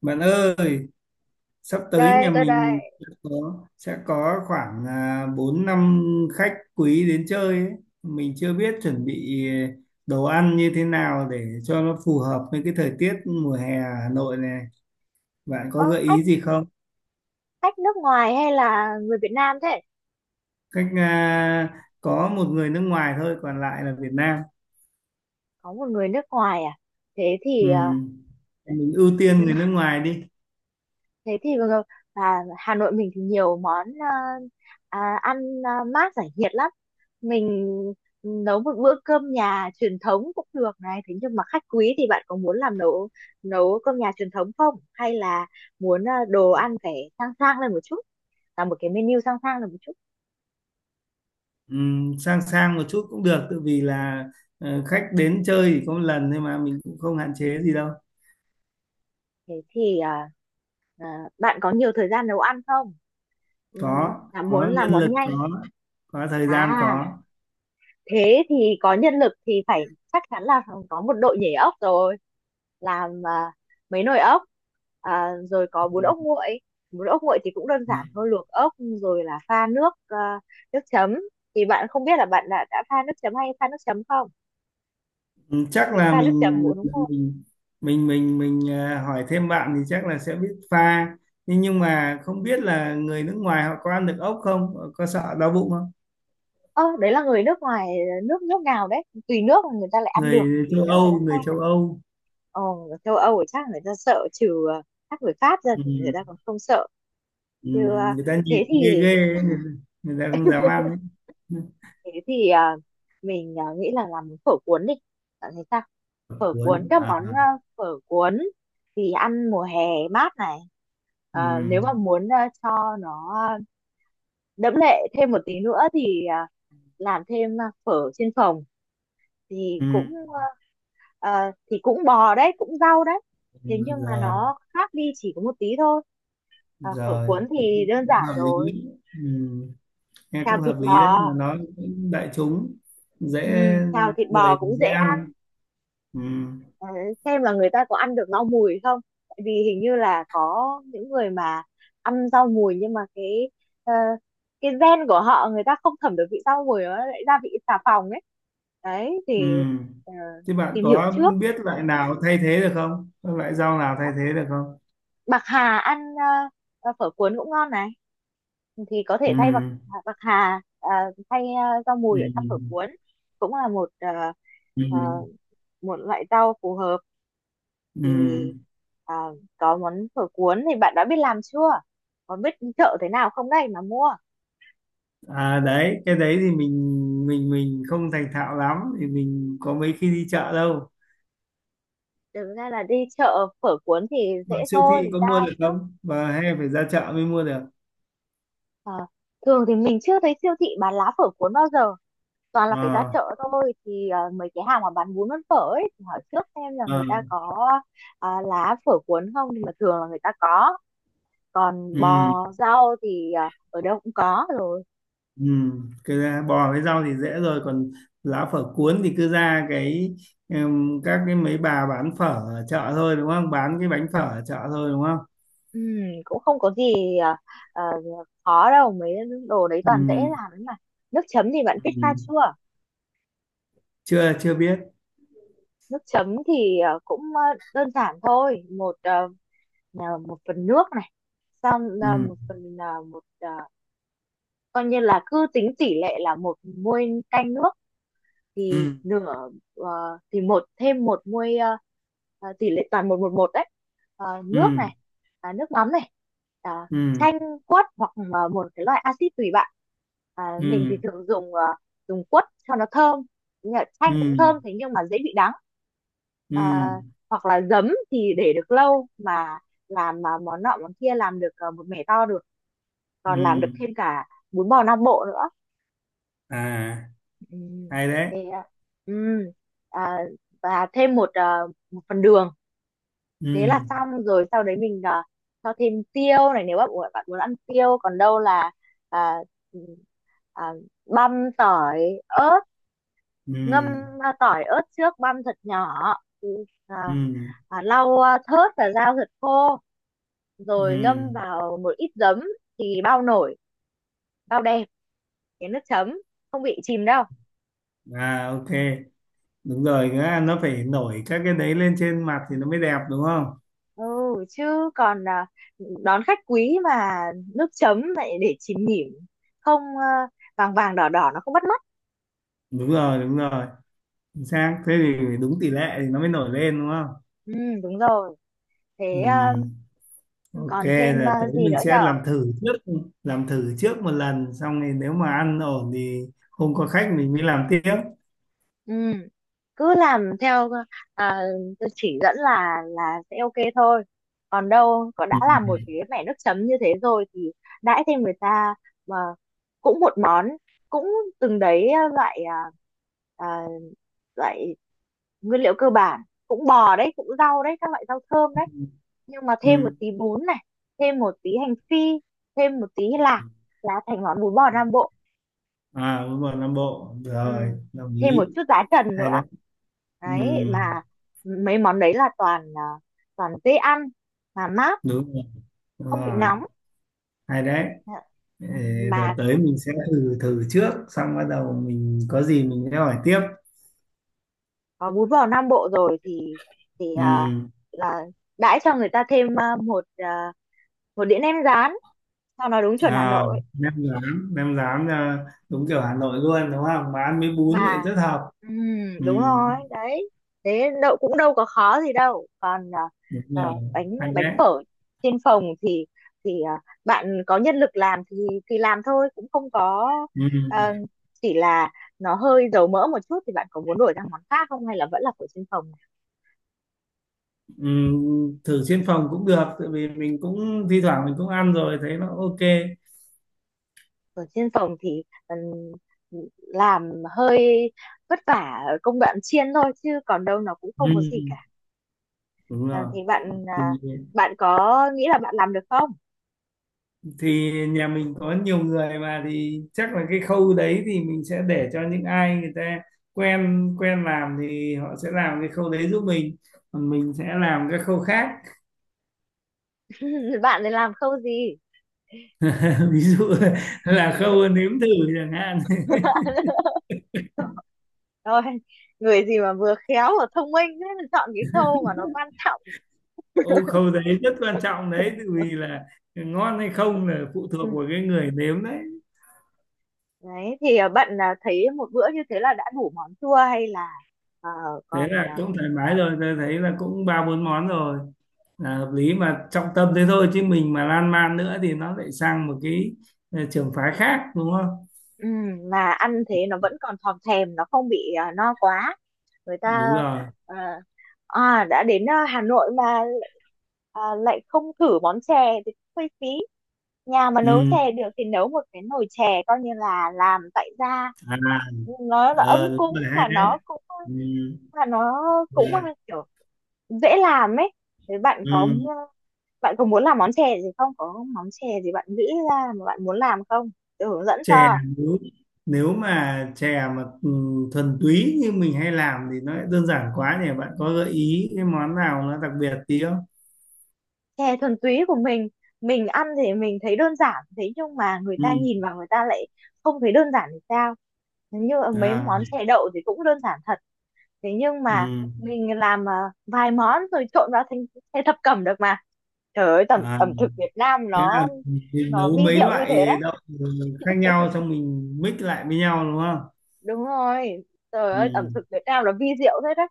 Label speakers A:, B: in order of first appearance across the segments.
A: Bạn ơi, sắp tới
B: Đây
A: nhà
B: tôi
A: mình
B: đây.
A: sẽ có khoảng 4 năm khách quý đến chơi ấy. Mình chưa biết chuẩn bị đồ ăn như thế nào để cho nó phù hợp với cái thời tiết mùa hè ở Hà Nội này. Bạn có
B: Ơ,
A: gợi
B: khách
A: ý gì không?
B: khách nước ngoài hay là người Việt Nam thế?
A: Cách à, có một người nước ngoài thôi, còn lại là Việt Nam.
B: Có một người nước ngoài à? Thế
A: Ừ.
B: thì
A: Mình ưu tiên
B: ừ,
A: người nước ngoài đi.
B: thế thì Hà Nội mình thì nhiều món ăn mát giải nhiệt lắm. Mình nấu một bữa cơm nhà truyền thống cũng được này, thế nhưng mà khách quý thì bạn có muốn làm nấu nấu cơm nhà truyền thống không hay là muốn đồ ăn phải sang sang lên một chút, là một cái menu sang sang lên một chút?
A: Ừ, sang sang một chút cũng được, tự vì là khách đến chơi chỉ có một lần thôi mà mình cũng không hạn chế gì đâu.
B: Thế thì bạn có nhiều thời gian nấu ăn không? Ừ,
A: có
B: là muốn
A: có
B: làm
A: nhân
B: món
A: lực,
B: nhanh
A: có thời gian,
B: à?
A: có.
B: Thế thì có nhân lực thì phải chắc chắn là có một đội nhảy ốc rồi, làm mấy nồi ốc, rồi có bún ốc nguội. Bún ốc nguội thì cũng đơn
A: Ừ.
B: giản thôi, luộc ốc rồi là pha nước, nước chấm. Thì bạn không biết là bạn đã pha nước chấm hay pha nước chấm không?
A: Ừ,
B: Bạn
A: chắc là
B: pha nước chấm bún ốc nguội?
A: mình mình hỏi thêm bạn thì chắc là sẽ biết pha, nhưng mà không biết là người nước ngoài họ có ăn được ốc không? Họ có sợ đau bụng không?
B: Ơ, đấy là người nước ngoài, nước nước nào đấy? Tùy nước mà người ta lại ăn được,
A: người
B: tùy
A: châu
B: nước người ta
A: Âu người
B: không.
A: châu Âu
B: Ờ, ở châu Âu thì chắc người ta sợ, trừ chắc người Pháp ra thì người ta
A: Ừ.
B: còn không sợ,
A: Ừ.
B: chứ
A: Người ta
B: thế
A: nhìn ghê
B: thì
A: ghê ấy, người ta không dám ăn ấy.
B: thế thì mình nghĩ là làm phở cuốn đi, bạn thấy sao? Phở
A: Cuốn
B: cuốn các
A: à?
B: món phở cuốn thì ăn mùa hè mát này.
A: Ừ.
B: Ờ, nếu mà muốn cho nó đẫm lệ thêm một tí nữa thì làm thêm phở trên phồng thì
A: Ừ.
B: cũng thì cũng bò đấy, cũng rau đấy, thế
A: Ừ.
B: nhưng mà
A: rồi
B: nó khác đi chỉ có một tí thôi. À, phở
A: rồi
B: cuốn thì đơn
A: Cũng
B: giản
A: hợp
B: rồi,
A: lý. Ừ. Nghe
B: xào
A: cũng
B: thịt
A: hợp lý đấy,
B: bò.
A: mà nó cũng đại chúng, dễ.
B: Ừ, xào thịt bò
A: Người
B: cũng dễ
A: dễ
B: ăn.
A: ăn. Ừ.
B: Ờ, xem là người ta có ăn được rau mùi không, tại vì hình như là có những người mà ăn rau mùi nhưng mà cái ờ, cái gen của họ, người ta không thẩm được vị rau mùi, nó lại ra vị xà phòng ấy. Đấy
A: Ừ.
B: thì ờ,
A: Thế bạn
B: tìm hiểu
A: có
B: trước.
A: biết loại nào thay thế được không? Có loại rau nào thay thế được không?
B: Bạc hà ăn phở cuốn cũng ngon này, thì có
A: Ừ.
B: thể thay bạc bạc hà thay rau
A: Ừ.
B: mùi ở trong phở cuốn cũng là một ờ,
A: Ừ.
B: một loại rau phù hợp.
A: Ừ.
B: Thì ờ, có món phở cuốn thì bạn đã biết làm chưa, có biết chợ thế nào không đây mà mua?
A: À đấy, cái đấy thì mình không thành thạo lắm, thì mình có mấy khi đi chợ đâu.
B: Thực ra là đi chợ phở cuốn thì dễ
A: Mà siêu thị
B: thôi,
A: có mua
B: ra
A: được
B: trước.
A: không? Và hay phải ra chợ mới mua được?
B: Ờ, thường thì mình chưa thấy siêu thị bán lá phở cuốn bao giờ, toàn là phải ra
A: Ờ.
B: chợ thôi, thì mấy cái hàng mà bán bún bán phở ấy thì hỏi trước xem là
A: Ờ.
B: người ta có lá phở cuốn không, nhưng mà thường là người ta có. Còn
A: Ừ.
B: bò rau thì ở đâu cũng có rồi.
A: Ừ, cứ ra bò với rau thì dễ rồi, còn lá phở cuốn thì cứ ra cái, các cái mấy bà bán phở ở chợ thôi đúng không, bán cái bánh phở ở chợ thôi đúng không?
B: Ừm, cũng không có gì à, khó đâu mấy, đồ đấy toàn dễ
A: Ừ,
B: làm ấy mà. Nước chấm thì bạn biết pha chưa?
A: ừ, chưa chưa biết.
B: Nước chấm thì cũng đơn giản thôi, một một phần nước này, xong
A: Ừ,
B: một phần coi như là cứ tính tỷ lệ là một muôi canh nước thì
A: ừ,
B: nửa thì một, thêm một muôi tỷ lệ toàn một một một đấy. Ờ,
A: ừ,
B: nước này, nước mắm này, à,
A: ừ,
B: chanh quất hoặc là một cái loại axit tùy bạn. À, mình thì
A: ừ,
B: thường dùng dùng quất cho nó thơm, nhưng mà chanh cũng
A: ừ,
B: thơm, thế nhưng mà dễ bị đắng. À,
A: ừ,
B: hoặc là giấm thì để được lâu mà, làm mà món nọ món kia, làm được một mẻ to được, còn làm được
A: ừ.
B: thêm cả bún bò Nam Bộ nữa.
A: À
B: Ừ,
A: hay đấy.
B: thế à? Ừ. À, và thêm một một phần đường, thế là
A: Ừ,
B: xong rồi. Sau đấy mình cho thêm tiêu này nếu bạn muốn, bạn muốn ăn tiêu, còn đâu là à, ừ, à, băm tỏi ớt,
A: ừ,
B: ngâm tỏi ớt trước, băm thật nhỏ. Ừ, à,
A: ừ,
B: lau thớt và rau thật khô,
A: ừ.
B: rồi ngâm vào một ít giấm thì bao nổi, bao đẹp cái nước chấm, không bị chìm đâu.
A: À ok, đúng rồi, nữa nó phải nổi các cái đấy lên trên mặt thì nó mới đẹp đúng không?
B: Ừ, chứ còn đón khách quý mà nước chấm lại để chìm nghỉm, không vàng vàng đỏ đỏ nó không bắt mắt.
A: Đúng rồi, đúng rồi. Chính xác, thế thì đúng tỷ lệ thì nó mới nổi lên đúng không?
B: Ừ, đúng rồi. Thế
A: Ừ. Ok,
B: còn thêm
A: là tới
B: gì
A: mình
B: nữa
A: sẽ
B: nhở?
A: làm thử trước, làm thử trước một lần xong thì nếu mà ăn ổn thì không có khách mình mới làm tiếp.
B: Ừ, cứ làm theo à, tôi chỉ dẫn là sẽ ok thôi. Còn đâu có đã
A: Ừ.
B: làm một cái mẻ nước chấm như thế rồi thì đãi thêm người ta mà, cũng một món cũng từng đấy loại à, loại nguyên liệu cơ bản, cũng bò đấy cũng rau đấy các loại rau thơm đấy, nhưng mà thêm một
A: Ừ.
B: tí bún này, thêm một tí hành phi, thêm một tí lạc là thành món bún bò Nam Bộ.
A: À đúng rồi, Nam Bộ
B: Ừ.
A: rồi, đồng
B: Thêm một
A: ý.
B: chút giá trần
A: Hay
B: nữa
A: đấy. Ừ.
B: đấy. Mà mấy món đấy là toàn toàn dễ ăn mà mát,
A: Đúng rồi. Đúng
B: không bị
A: rồi.
B: nóng.
A: Hay đấy. Ờ.
B: Ừ,
A: Rồi
B: mà
A: tới mình sẽ thử thử trước, xong bắt đầu mình có gì mình sẽ hỏi tiếp.
B: có bún bò Nam Bộ rồi thì
A: Ừ.
B: là đãi cho người ta thêm một một đĩa nem rán cho nó đúng chuẩn Hà
A: à,
B: Nội
A: Nem rán, đúng kiểu Hà Nội luôn đúng không, mà ăn với bún thì
B: mà.
A: rất hợp.
B: Ừ,
A: Ừ,
B: đúng rồi đấy. Thế đâu cũng đâu có khó gì đâu, còn
A: đúng
B: à,
A: rồi.
B: bánh
A: Hay
B: bánh
A: đấy.
B: phở trên phòng thì bạn có nhân lực làm thì làm thôi, cũng không có à,
A: Ừ,
B: chỉ là nó hơi dầu mỡ một chút thì bạn có muốn đổi sang món khác không hay là vẫn là phở trên phòng?
A: ừ, thử trên phòng cũng được, tại vì mình cũng thi thoảng mình cũng ăn rồi thấy nó ok.
B: Phở trên phòng thì làm hơi vất vả ở công đoạn chiên thôi, chứ còn đâu nó cũng không có gì cả.
A: Ừ, đúng
B: À,
A: rồi.
B: thì bạn
A: thì,
B: bạn có nghĩ là bạn làm được không?
A: thì nhà mình có nhiều người mà, thì chắc là cái khâu đấy thì mình sẽ để cho những ai người ta quen quen làm thì họ sẽ làm cái khâu đấy giúp mình, còn mình sẽ làm cái khâu khác.
B: Bạn này làm khâu gì?
A: Ví dụ là khâu nếm thử chẳng hạn.
B: Rồi, người gì mà vừa khéo vừa thông minh thế mà chọn cái khâu mà nó quan trọng.
A: Ô khâu đấy rất quan trọng đấy, tự vì là ngon hay không là phụ thuộc
B: Ừ.
A: vào cái người nếm đấy.
B: Đấy, thì bạn thấy một bữa như thế là đã đủ món chua hay là ờ,
A: Thế
B: còn
A: là cũng thoải mái rồi, tôi thấy là cũng ba bốn món rồi, là hợp lý, mà trọng tâm thế thôi chứ mình mà lan man nữa thì nó lại sang một cái trường phái khác đúng không?
B: mà ăn thế nó vẫn còn thòm thèm, nó không bị no quá. Người
A: Đúng
B: ta
A: rồi.
B: ờ, đã đến Hà Nội mà lại không thử món chè thì cũng hơi phí. Nhà mà nấu
A: Ừ.
B: chè được thì nấu một cái nồi chè coi như là làm tại gia,
A: À.
B: nó là ấm
A: Ờ đúng
B: cúng
A: rồi, hay
B: mà
A: đấy.
B: nó cũng,
A: Ừ.
B: mà nó cũng
A: Dạ.
B: kiểu dễ làm ấy. Thế bạn có
A: Ừ.
B: ờ, bạn có muốn làm món chè gì không, có món chè gì bạn nghĩ ra mà bạn muốn làm không? Tôi hướng dẫn
A: Chè,
B: cho.
A: nếu nếu mà chè mà thuần túy như mình hay làm thì nó lại đơn giản quá nhỉ, bạn có gợi ý cái món nào nó đặc biệt tí không?
B: Chè thuần túy của mình ăn thì mình thấy đơn giản, thế nhưng mà người ta
A: Ừ.
B: nhìn vào người ta lại không thấy đơn giản thì sao? Như mấy
A: À.
B: món chè đậu thì cũng đơn giản thật, thế nhưng mà
A: Ừ.
B: mình làm vài món rồi trộn vào thành thành thập cẩm được mà. Trời ơi, ẩm
A: À
B: ẩm thực Việt Nam
A: thế là mình
B: nó
A: nấu
B: vi
A: mấy
B: diệu như thế
A: loại
B: đấy.
A: đậu khác nhau xong mình mix lại với nhau đúng không?
B: Đúng rồi. Trời
A: Ừ,
B: ơi, ẩm thực Việt Nam nó vi diệu thế đấy,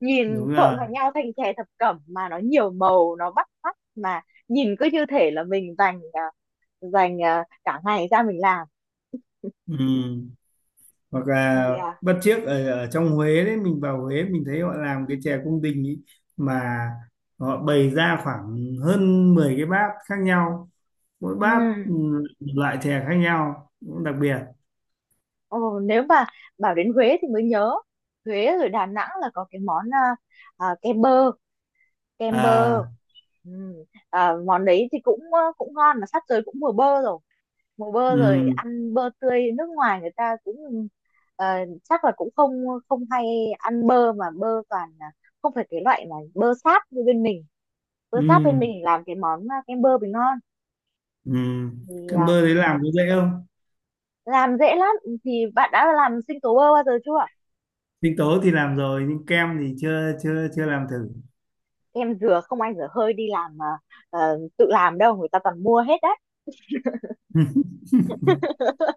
B: nhìn
A: đúng rồi.
B: trộn vào nhau thành chè thập cẩm mà nó nhiều màu, nó bắt mắt mà, nhìn cứ như thể là mình dành dành cả ngày ra mình làm.
A: Ừ. Hoặc
B: Thì
A: là bất chiếc ở, ở trong Huế đấy, mình vào Huế mình thấy họ làm cái chè cung đình ý, mà họ bày ra khoảng hơn 10 cái bát khác nhau, mỗi bát
B: ừm,
A: một loại chè khác nhau, cũng đặc biệt.
B: ồ, nếu mà bảo đến Huế thì mới nhớ Huế rồi Đà Nẵng là có cái món cái bơ, kem bơ.
A: À.
B: Ừ. À, món đấy thì cũng cũng ngon, mà sắp tới cũng mùa bơ rồi. Mùa bơ rồi,
A: Ừ.
B: ăn bơ tươi, nước ngoài người ta cũng ờ, chắc là cũng không, không hay ăn bơ, mà bơ toàn là không phải cái loại mà bơ sáp như bên mình. Bơ sáp bên
A: Ừ.
B: mình làm cái món kem bơ bình ngon.
A: Ừ.
B: Thì
A: Kem bơ đấy làm có dễ không?
B: làm dễ lắm. Thì bạn đã làm sinh tố bơ bao giờ chưa?
A: Sinh tố thì làm rồi, nhưng kem thì chưa chưa chưa làm thử.
B: Kem dừa không ai dở hơi đi làm mà, tự làm đâu, người ta toàn mua hết đấy.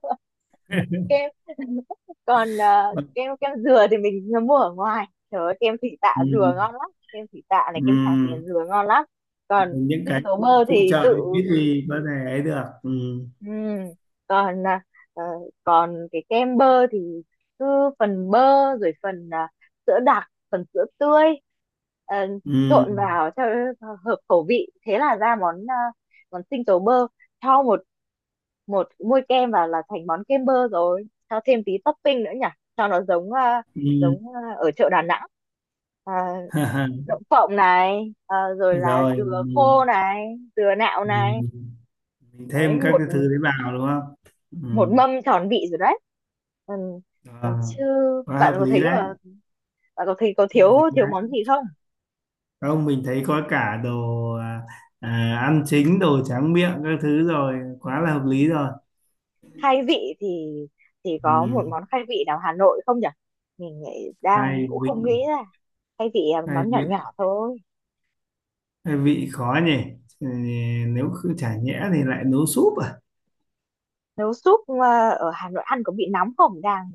B: Kem còn kem kem dừa thì mình mua ở ngoài, trời ơi, kem thị tạ dừa
A: Ừ,
B: ngon lắm, kem thị tạ này, kem Tràng Tiền
A: ừ.
B: dừa ngon lắm. Còn
A: Những cái
B: sinh tố
A: phụ
B: bơ
A: phụ
B: thì
A: trợ thì
B: tự.
A: biết gì có thể ấy được. Ừ.
B: Ừ. Còn ờ, còn cái kem bơ thì cứ phần bơ rồi phần sữa đặc, phần sữa tươi, ờ,
A: Ừ.
B: trộn vào cho hợp khẩu vị, thế là ra món món sinh tố bơ. Cho một một muôi kem vào là thành món kem bơ rồi, cho thêm tí topping nữa nhỉ, cho nó giống
A: Ừ.
B: giống ở chợ Đà Nẵng. À, đậu phộng này, à, rồi là
A: Rồi
B: dừa khô này, dừa nạo này.
A: mình, mình
B: Đấy,
A: thêm các
B: một
A: cái thứ đấy vào đúng không? Ừ.
B: một mâm tròn vị rồi đấy. Ừ. Ừ,
A: À,
B: chứ
A: quá
B: bạn
A: hợp
B: có
A: lý
B: thấy
A: đấy.
B: là bạn có thấy có thiếu
A: Hợp lý
B: thiếu món
A: đấy.
B: gì không?
A: Không, mình thấy có cả đồ ăn chính, đồ tráng miệng các thứ rồi, quá là hợp
B: Ừ.
A: lý rồi.
B: Khai vị thì có một
A: Ừ.
B: món khai vị nào Hà Nội không nhỉ? Mình nghĩ đang
A: Hai
B: cũng
A: vị.
B: không nghĩ ra. Khai vị là
A: hai
B: món nhỏ
A: vị
B: nhỏ thôi.
A: hai vị khó nhỉ. Ừ, nếu cứ chả nhẽ thì lại nấu súp à?
B: Nấu súp à, ở Hà Nội ăn có bị nóng không đang?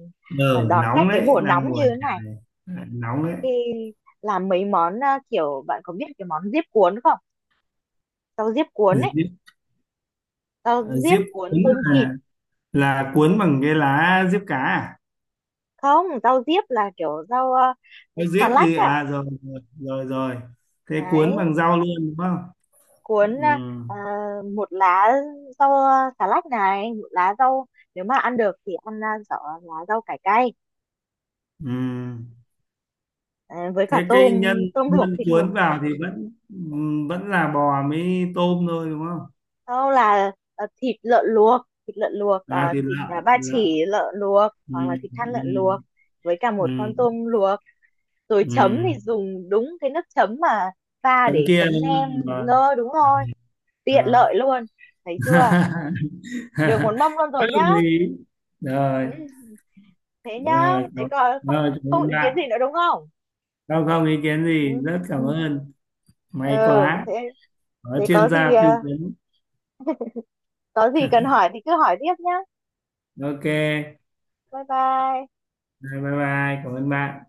B: Ờ,
A: Ờ
B: đón khách
A: nóng
B: cái
A: đấy,
B: mùa
A: đang
B: nóng
A: mùa
B: như thế
A: chả
B: này,
A: này, lại nóng đấy.
B: khi làm mấy món kiểu bạn có biết cái món diếp cuốn không, rau diếp cuốn ấy,
A: diếp,
B: rau
A: à,
B: diếp
A: diếp cuốn
B: cuốn tôm thịt?
A: là là cuốn bằng cái lá diếp cá à?
B: Không, rau diếp là kiểu rau
A: Cái
B: xà
A: diếp
B: lách
A: gì
B: à?
A: à, rồi rồi rồi rồi. Thế
B: Đấy,
A: cuốn bằng rau luôn đúng không?
B: cuốn
A: Ừ,
B: ờ, một lá rau xà lách này, một lá rau, nếu mà ăn được thì ăn rau, lá rau cải cay,
A: ừ.
B: ờ, với cả
A: Thế
B: tôm,
A: cái nhân,
B: tôm luộc,
A: nhân
B: thịt luộc.
A: cuốn vào thì vẫn vẫn là bò mới tôm thôi đúng không?
B: Sau là thịt lợn luộc, thịt lợn luộc
A: À thì
B: thịt
A: lợn,
B: ba
A: thịt lợn.
B: chỉ lợn luộc
A: Ừ,
B: hoặc là thịt thăn lợn luộc
A: ừ,
B: với cả một con
A: ừ,
B: tôm luộc. Rồi
A: ừ.
B: chấm thì dùng đúng cái nước chấm mà pha
A: Tấm
B: để
A: kia
B: chấm
A: đúng
B: nem.
A: không? Rồi.
B: Nơ, đúng rồi, tiện lợi
A: À.
B: luôn. Thấy chưa, được một mâm luôn
A: Bất
B: rồi nhá.
A: đồng ý. Rồi.
B: Ừ, thế nhá,
A: rồi
B: thế
A: cảm-
B: còn không,
A: Rồi cảm
B: không
A: ơn
B: ý kiến
A: bạn,
B: gì nữa đúng không?
A: không không ý kiến gì,
B: Ừ.
A: rất cảm
B: Ừ.
A: ơn. May
B: Ừ,
A: quá
B: thế,
A: có
B: thế có
A: chuyên
B: gì
A: gia tư vấn.
B: có gì cần hỏi thì cứ hỏi tiếp nhá.
A: Ok.
B: Bye bye.
A: Rồi bye bye, cảm ơn bạn.